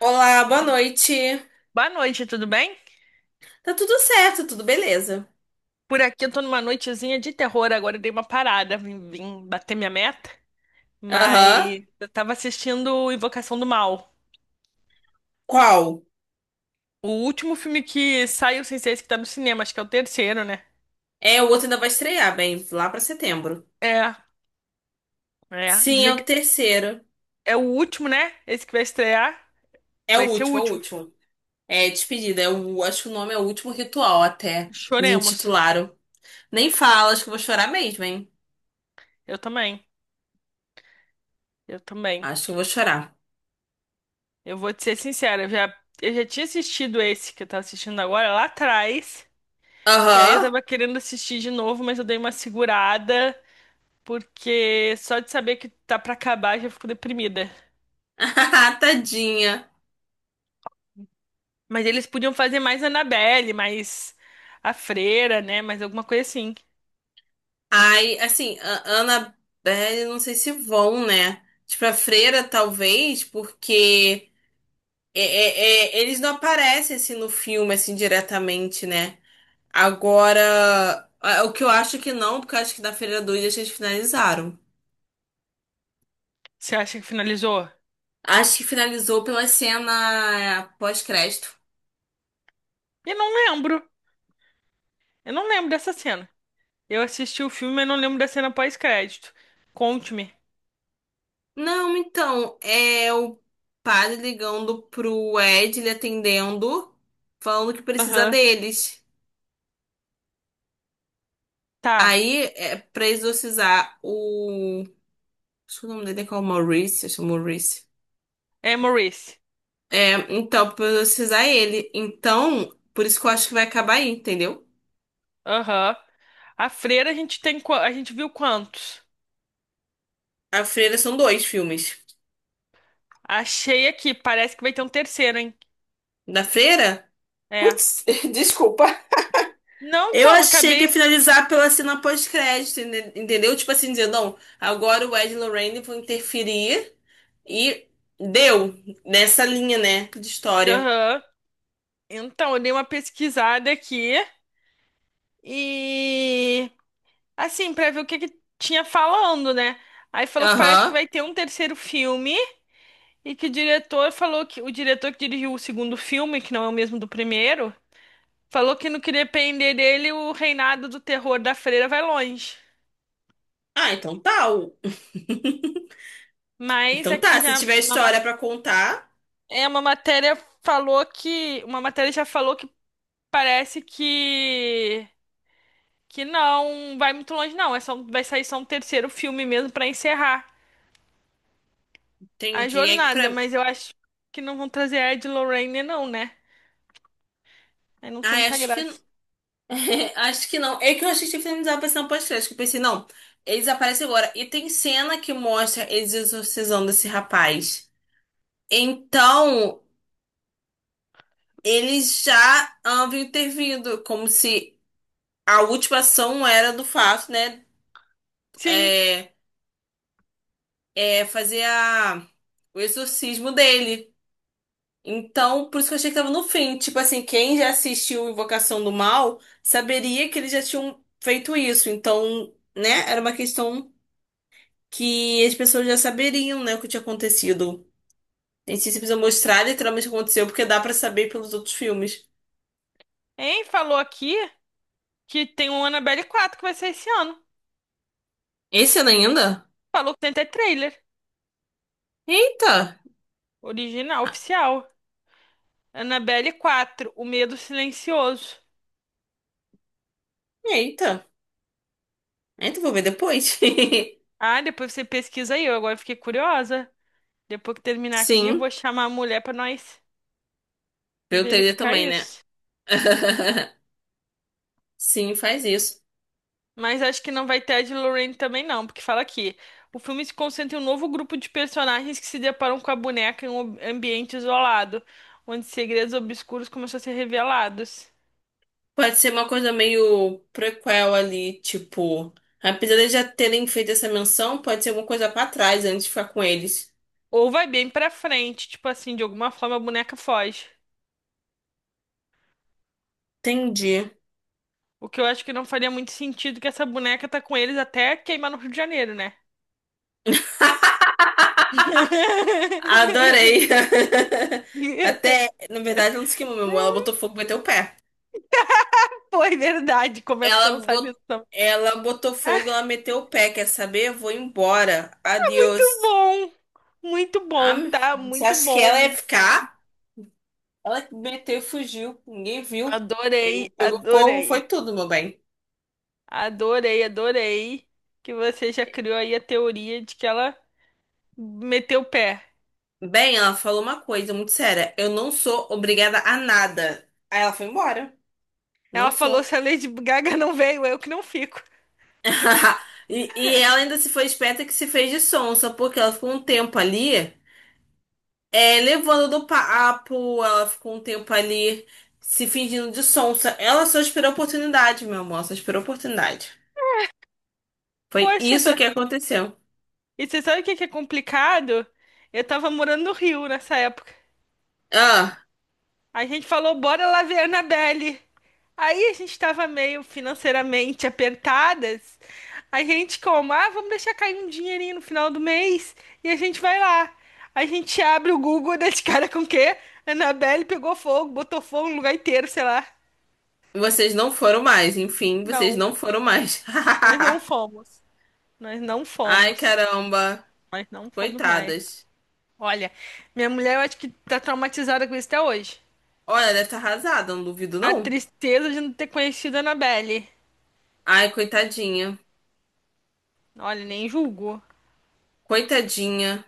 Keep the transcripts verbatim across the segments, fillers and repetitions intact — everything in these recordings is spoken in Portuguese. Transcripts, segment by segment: Olá, boa noite. Boa noite, tudo bem? Tá tudo certo, tudo beleza. Por aqui eu tô numa noitezinha de terror, agora eu dei uma parada, vim, vim bater minha meta, Aham. mas eu tava assistindo Invocação do Mal. Qual? O último filme que saiu sem ser esse que tá no cinema, acho que é o terceiro, né? É, o outro ainda vai estrear, bem, lá pra setembro. É, é, Sim, é dizem o que terceiro. é o último, né? Esse que vai estrear, É o vai ser o último, é o último. último. É despedida, é o, acho que o nome é o último ritual até. Eles Choremos. intitularam. Nem fala, acho que eu vou chorar mesmo, hein? Eu também, eu também. Acho que eu vou chorar. Eu vou te ser sincera, eu já, eu já tinha assistido esse que eu tava assistindo agora lá atrás, e aí eu Aham. tava querendo assistir de novo, mas eu dei uma segurada. Porque só de saber que tá pra acabar já fico deprimida. Tadinha. Mas eles podiam fazer mais Annabelle, mais a Freira, né? Mais alguma coisa assim. Ai, assim, a Annabelle, não sei se vão, né? Tipo, a freira, talvez, porque. É, é, é, eles não aparecem assim no filme, assim, diretamente, né? Agora, a- o que eu acho que não, porque eu acho que na Feira do Dia eles finalizaram. Você acha que finalizou? Acho que finalizou pela cena pós-crédito. Eu não lembro. Eu não lembro dessa cena. Eu assisti o filme, mas não lembro da cena pós-crédito. Conte-me. Não, então, é o padre ligando pro Ed, ele atendendo, falando que precisa Aham. deles. Tá. Aí, é pra exorcizar o. Acho que o nome dele é qual? Maurice, acho que é Maurice. É Maurice. É, então, precisar ele. Então, por isso que eu acho que vai acabar aí, entendeu? Aham. A Freira a gente tem qua- a gente viu quantos? A Freira são dois filmes. Achei aqui, parece que vai ter um terceiro, hein? Da Freira? É. Putz, desculpa. Não, Eu então, achei que ia acabei. finalizar pela cena pós-crédito, ente- entendeu? Tipo assim, dizendo, não, agora o Ed e Lorraine vão interferir e deu nessa linha, né, de história. Aham. Então, eu dei uma pesquisada aqui e assim, pra ver o que que tinha falando, né? Aí falou que parece que Aham. vai ter um terceiro filme e que o diretor falou que o diretor que dirigiu o segundo filme, que não é o mesmo do primeiro, falou que no que depender dele, o reinado do terror da freira vai longe. Ah, então tá. o- Mas Então tá, aqui se já tiver uma, ma- história pra contar, é uma matéria falou que uma matéria já falou que parece que que não vai muito longe, não. É só, vai sair só um terceiro filme mesmo pra encerrar a entendi. É que jornada, pra... mas eu acho que não vão trazer a Ed Lorraine, não, né? Aí não tem Ah, muita acho que. graça. Acho que não. É que eu achei que tinha finalizado aparecendo no podcast. Que Eu pensei, não, eles aparecem agora. E tem cena que mostra eles exorcizando esse rapaz. Então, eles já haviam intervindo, como se a última ação era do fato, né? Sim, É, é fazer a, o exorcismo dele. Então, por isso que eu achei que tava no fim. Tipo assim, quem já assistiu Invocação do Mal saberia que eles já tinham feito isso. Então, né? Era uma questão. Que As pessoas já saberiam, né, o que tinha acontecido. A gente precisa mostrar literalmente o que aconteceu, porque dá pra saber pelos outros filmes. hein? Falou aqui que tem um Annabelle quatro que vai sair esse ano. Esse ano ainda? Falou que tem até trailer. Eita! Original, Ah, oficial. Annabelle quatro, O Medo Silencioso. eita! Eita, vou ver depois. Ah, depois você pesquisa aí. Eu agora fiquei curiosa. Depois que terminar aqui, eu Sim, vou chamar a mulher pra nós eu teria verificar também, né? isso. Sim, faz isso. Mas acho que não vai ter a de Lorraine também não, porque fala aqui. O filme se concentra em um novo grupo de personagens que se deparam com a boneca em um ob- ambiente isolado, onde segredos obscuros começam a ser revelados. Pode ser uma coisa meio prequel ali, tipo. Apesar de já terem feito essa menção, pode ser alguma coisa pra trás antes de ficar com eles. Ou vai bem pra frente, tipo assim, de alguma forma a boneca foge. Entendi. O que eu acho que não faria muito sentido que essa boneca tá com eles até queimar no Rio de Janeiro, né? Adorei. Até, na verdade, ela não se queimou, meu amor. Ela botou fogo e meteu o pé. Foi verdade, começo a Ela pensar nisso botou, também. ela botou fogo, ela meteu o pé. Quer saber? Eu vou embora. Adeus. Bom, muito Ah, bom, tá? você Muito acha que bom, ela ia muito bom. ficar? Ela meteu e fugiu. Ninguém viu. Adorei, Quem pegou fogo adorei, foi tudo, meu bem. adorei, adorei que você já criou aí a teoria de que ela meteu o pé. Bem, ela falou uma coisa muito séria. Eu não sou obrigada a nada. Aí ela foi embora. Não Ela falou, sou. se a Lady Gaga não veio, eu que não fico. E, e ela ainda se foi esperta que se fez de sonsa, porque ela ficou um tempo ali. É, levando do papo, ela ficou um tempo ali se fingindo de sonsa. Ela só esperou a oportunidade, meu amor, só esperou a oportunidade. Foi Poxa, isso essa- que aconteceu. e você sabe o que que é complicado? Eu tava morando no Rio nessa época. Ah, A gente falou, bora lá ver Annabelle. Aí a gente tava meio financeiramente apertadas. A gente como, ah, vamos deixar cair um dinheirinho no final do mês e a gente vai lá. A gente abre o Google e dá de cara com o quê? Annabelle pegou fogo, botou fogo no lugar inteiro, sei lá. vocês não foram mais, enfim, vocês Não, não foram mais. nós não fomos. Nós não Ai, fomos. caramba, Nós não fomos mais. coitadas. Olha, minha mulher eu acho que tá traumatizada com isso até hoje. Olha, deve estar arrasada, não duvido A não. tristeza de não ter conhecido a Annabelle. Ai, coitadinha, Olha, nem julgo. coitadinha.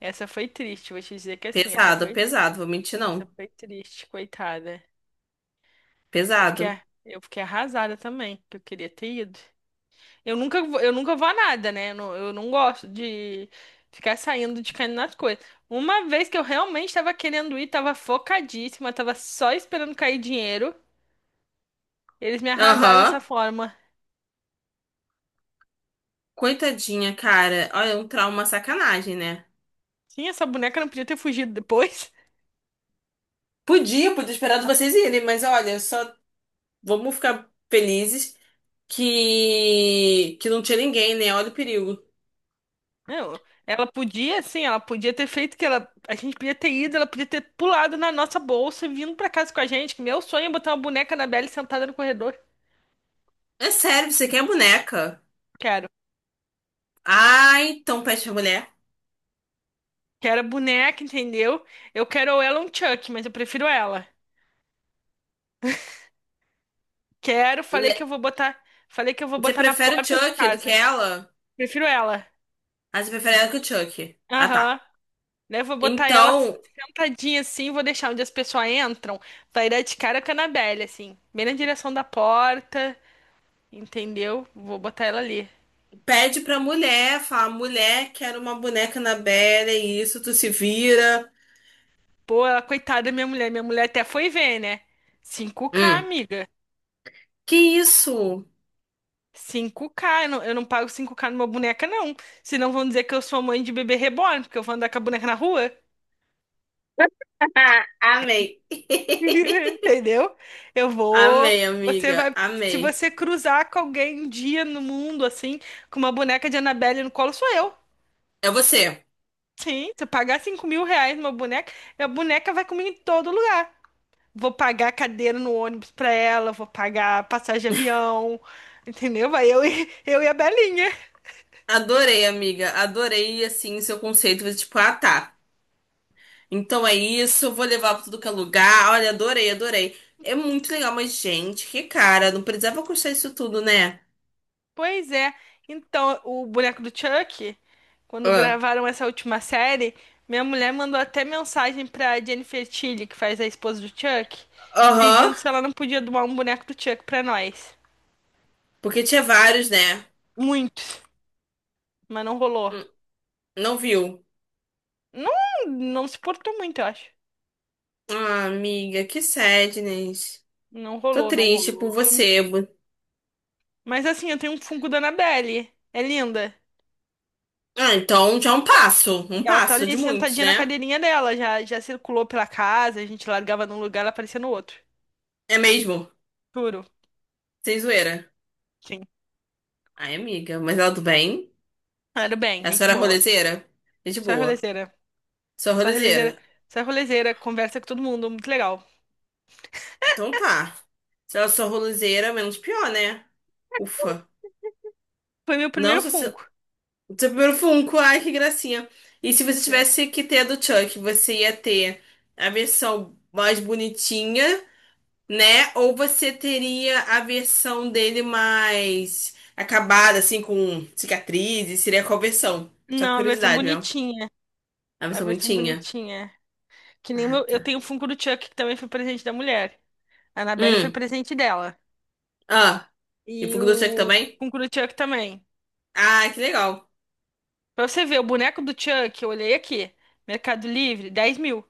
Essa foi triste, vou te dizer que assim, essa Pesado, foi, pesado, vou mentir essa não. foi triste, coitada. Eu fiquei, Pesado. A- eu fiquei arrasada também, que eu queria ter ido. Eu nunca, vou- eu nunca vou a nada, né? Eu não, eu não gosto de ficar saindo de caindo nas coisas. Uma vez que eu realmente estava querendo ir, tava focadíssima, tava só esperando cair dinheiro, eles me arrasaram dessa Aham, forma. coitadinha, cara. Olha, um trauma sacanagem, né? Sim, essa boneca não podia ter fugido depois. Podia, podia esperar de vocês irem, mas olha, só vamos ficar felizes que que não tinha ninguém, né? Olha o perigo. Não, ela podia, assim, ela podia ter feito que ela, a gente podia ter ido, ela podia ter pulado na nossa bolsa e vindo pra casa com a gente. Que Meu sonho é botar uma boneca da Belle sentada no corredor. É sério, você quer boneca? Quero. Ah, então peste a mulher. Quero a boneca, entendeu? Eu quero ou ela ou um Chuck, mas eu prefiro ela. Quero, falei Le- que eu vou botar, falei que eu vou Você botar na prefere o porta de Chuck do que casa. ela? Prefiro ela. Ah, você prefere ela que o Chuck. Ah, tá. Aham. Né, eu vou botar ela Então, sentadinha assim, vou deixar onde as pessoas entram. Vai dar de cara com a Annabelle, assim, bem na direção da porta, entendeu? Vou botar ela ali. pede pra mulher, fala, mulher, quero uma boneca na Bela, é isso, tu se vira. Pô, ela, coitada da minha mulher. Minha mulher até foi ver, né? Cinco k Hum. amiga. Que isso? Cinco k Eu não, eu não pago cinco k numa boneca, não. Senão vão dizer que eu sou mãe de bebê reborn, porque eu vou andar com a boneca na rua. Amei. Entendeu? Eu vou. Amei, Você amiga, vai. Se amei. você cruzar com alguém um dia no mundo, assim, com uma boneca de Annabelle no colo, sou eu. É você. Sim, se eu pagar cinco mil reais numa boneca, a boneca vai comigo em todo lugar. Vou pagar cadeira no ônibus pra ela, vou pagar passagem de avião, entendeu? Vai eu e, eu e a Belinha. Adorei, amiga. Adorei, assim, seu conceito. Tipo, ah, tá. Então é isso, vou levar pra tudo que é lugar. Olha, adorei, adorei. É muito legal, mas, gente, que cara, não precisava custar isso tudo, né? Pois é. Então, o boneco do Chuck, quando Ah, gravaram essa última série, minha mulher mandou até mensagem pra Jennifer Tilly, que faz a esposa do Chuck, aham. pedindo se ela não podia doar um boneco do Chuck pra nós. Porque tinha vários, né? Muitos, mas não rolou. Hum, não viu. Não, não se portou muito, eu acho. Ah, amiga, que sadness. Não Tô rolou, não triste por rolou. você. Mas assim, eu tenho um Funko da Annabelle. É linda. Ah, então já é um passo. Um Ela tá passo de ali muitos, sentadinha na né? cadeirinha dela, já, já circulou pela casa, a gente largava num lugar, ela aparecia no outro. É mesmo? Juro, Sem zoeira. sim. Ai, amiga, mas ela do bem? Ah, era bem, A gente senhora é boa. rolezeira? É de Só boa. rolezeira. Sou Só rolozeira. rolezeira. Só rolezeira, conversa com todo mundo, muito legal. Então tá. Se ela sou rolozeira, menos pior, né? Ufa. Foi meu Não, primeiro seu, seu Funko. seu primeiro Funko. Ai, que gracinha. E se Eu você falei, tivesse que ter a do Chuck, você ia ter a versão mais bonitinha, né? Ou você teria a versão dele mais acabada, assim, com cicatrizes? Seria qual versão? Só não, a versão curiosidade, meu. bonitinha. A A versão versão bonitinha. bonitinha. Que nem o Ah, meu, eu tá. tenho o Funko do Chuck, que também foi presente da mulher. A Annabelle foi Hum. presente dela. Ah. E E Funko do o Chuck também? Funko do Chuck também. Ah, que legal. Pra você ver, o boneco do Chuck, eu olhei aqui. Mercado Livre, dez mil.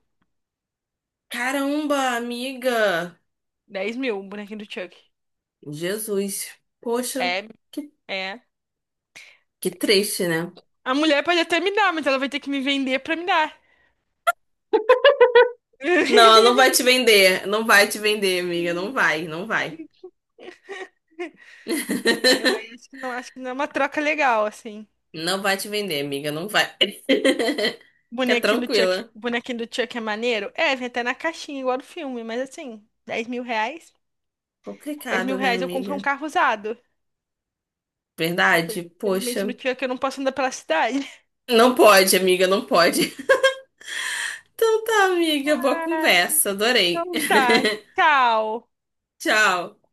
Caramba, amiga! Dez mil, um bonequinho do Chuck. Jesus. Poxa, É, que, é. que triste, né? A mulher pode até me dar, mas ela vai ter que me vender pra me dar. Não, não vai te vender. Não vai te vender, amiga. Não vai, não vai. Entendeu? Aí acho que não, acho que não é uma troca legal, assim. Não vai te vender, amiga. Não vai. Fica Bonequinho do Chuck, tranquila. bonequinho do Chuck é maneiro? É, vem até na caixinha, igual do filme, mas assim, dez mil reais? dez mil Complicado, né, reais eu compro um amiga? carro usado. Verdade? Poxa. Felizmente no Chuck eu não posso andar pela cidade. Não pode, amiga, não pode. Então tá, amiga. Boa conversa. Adorei. Então tá, tchau. Tchau.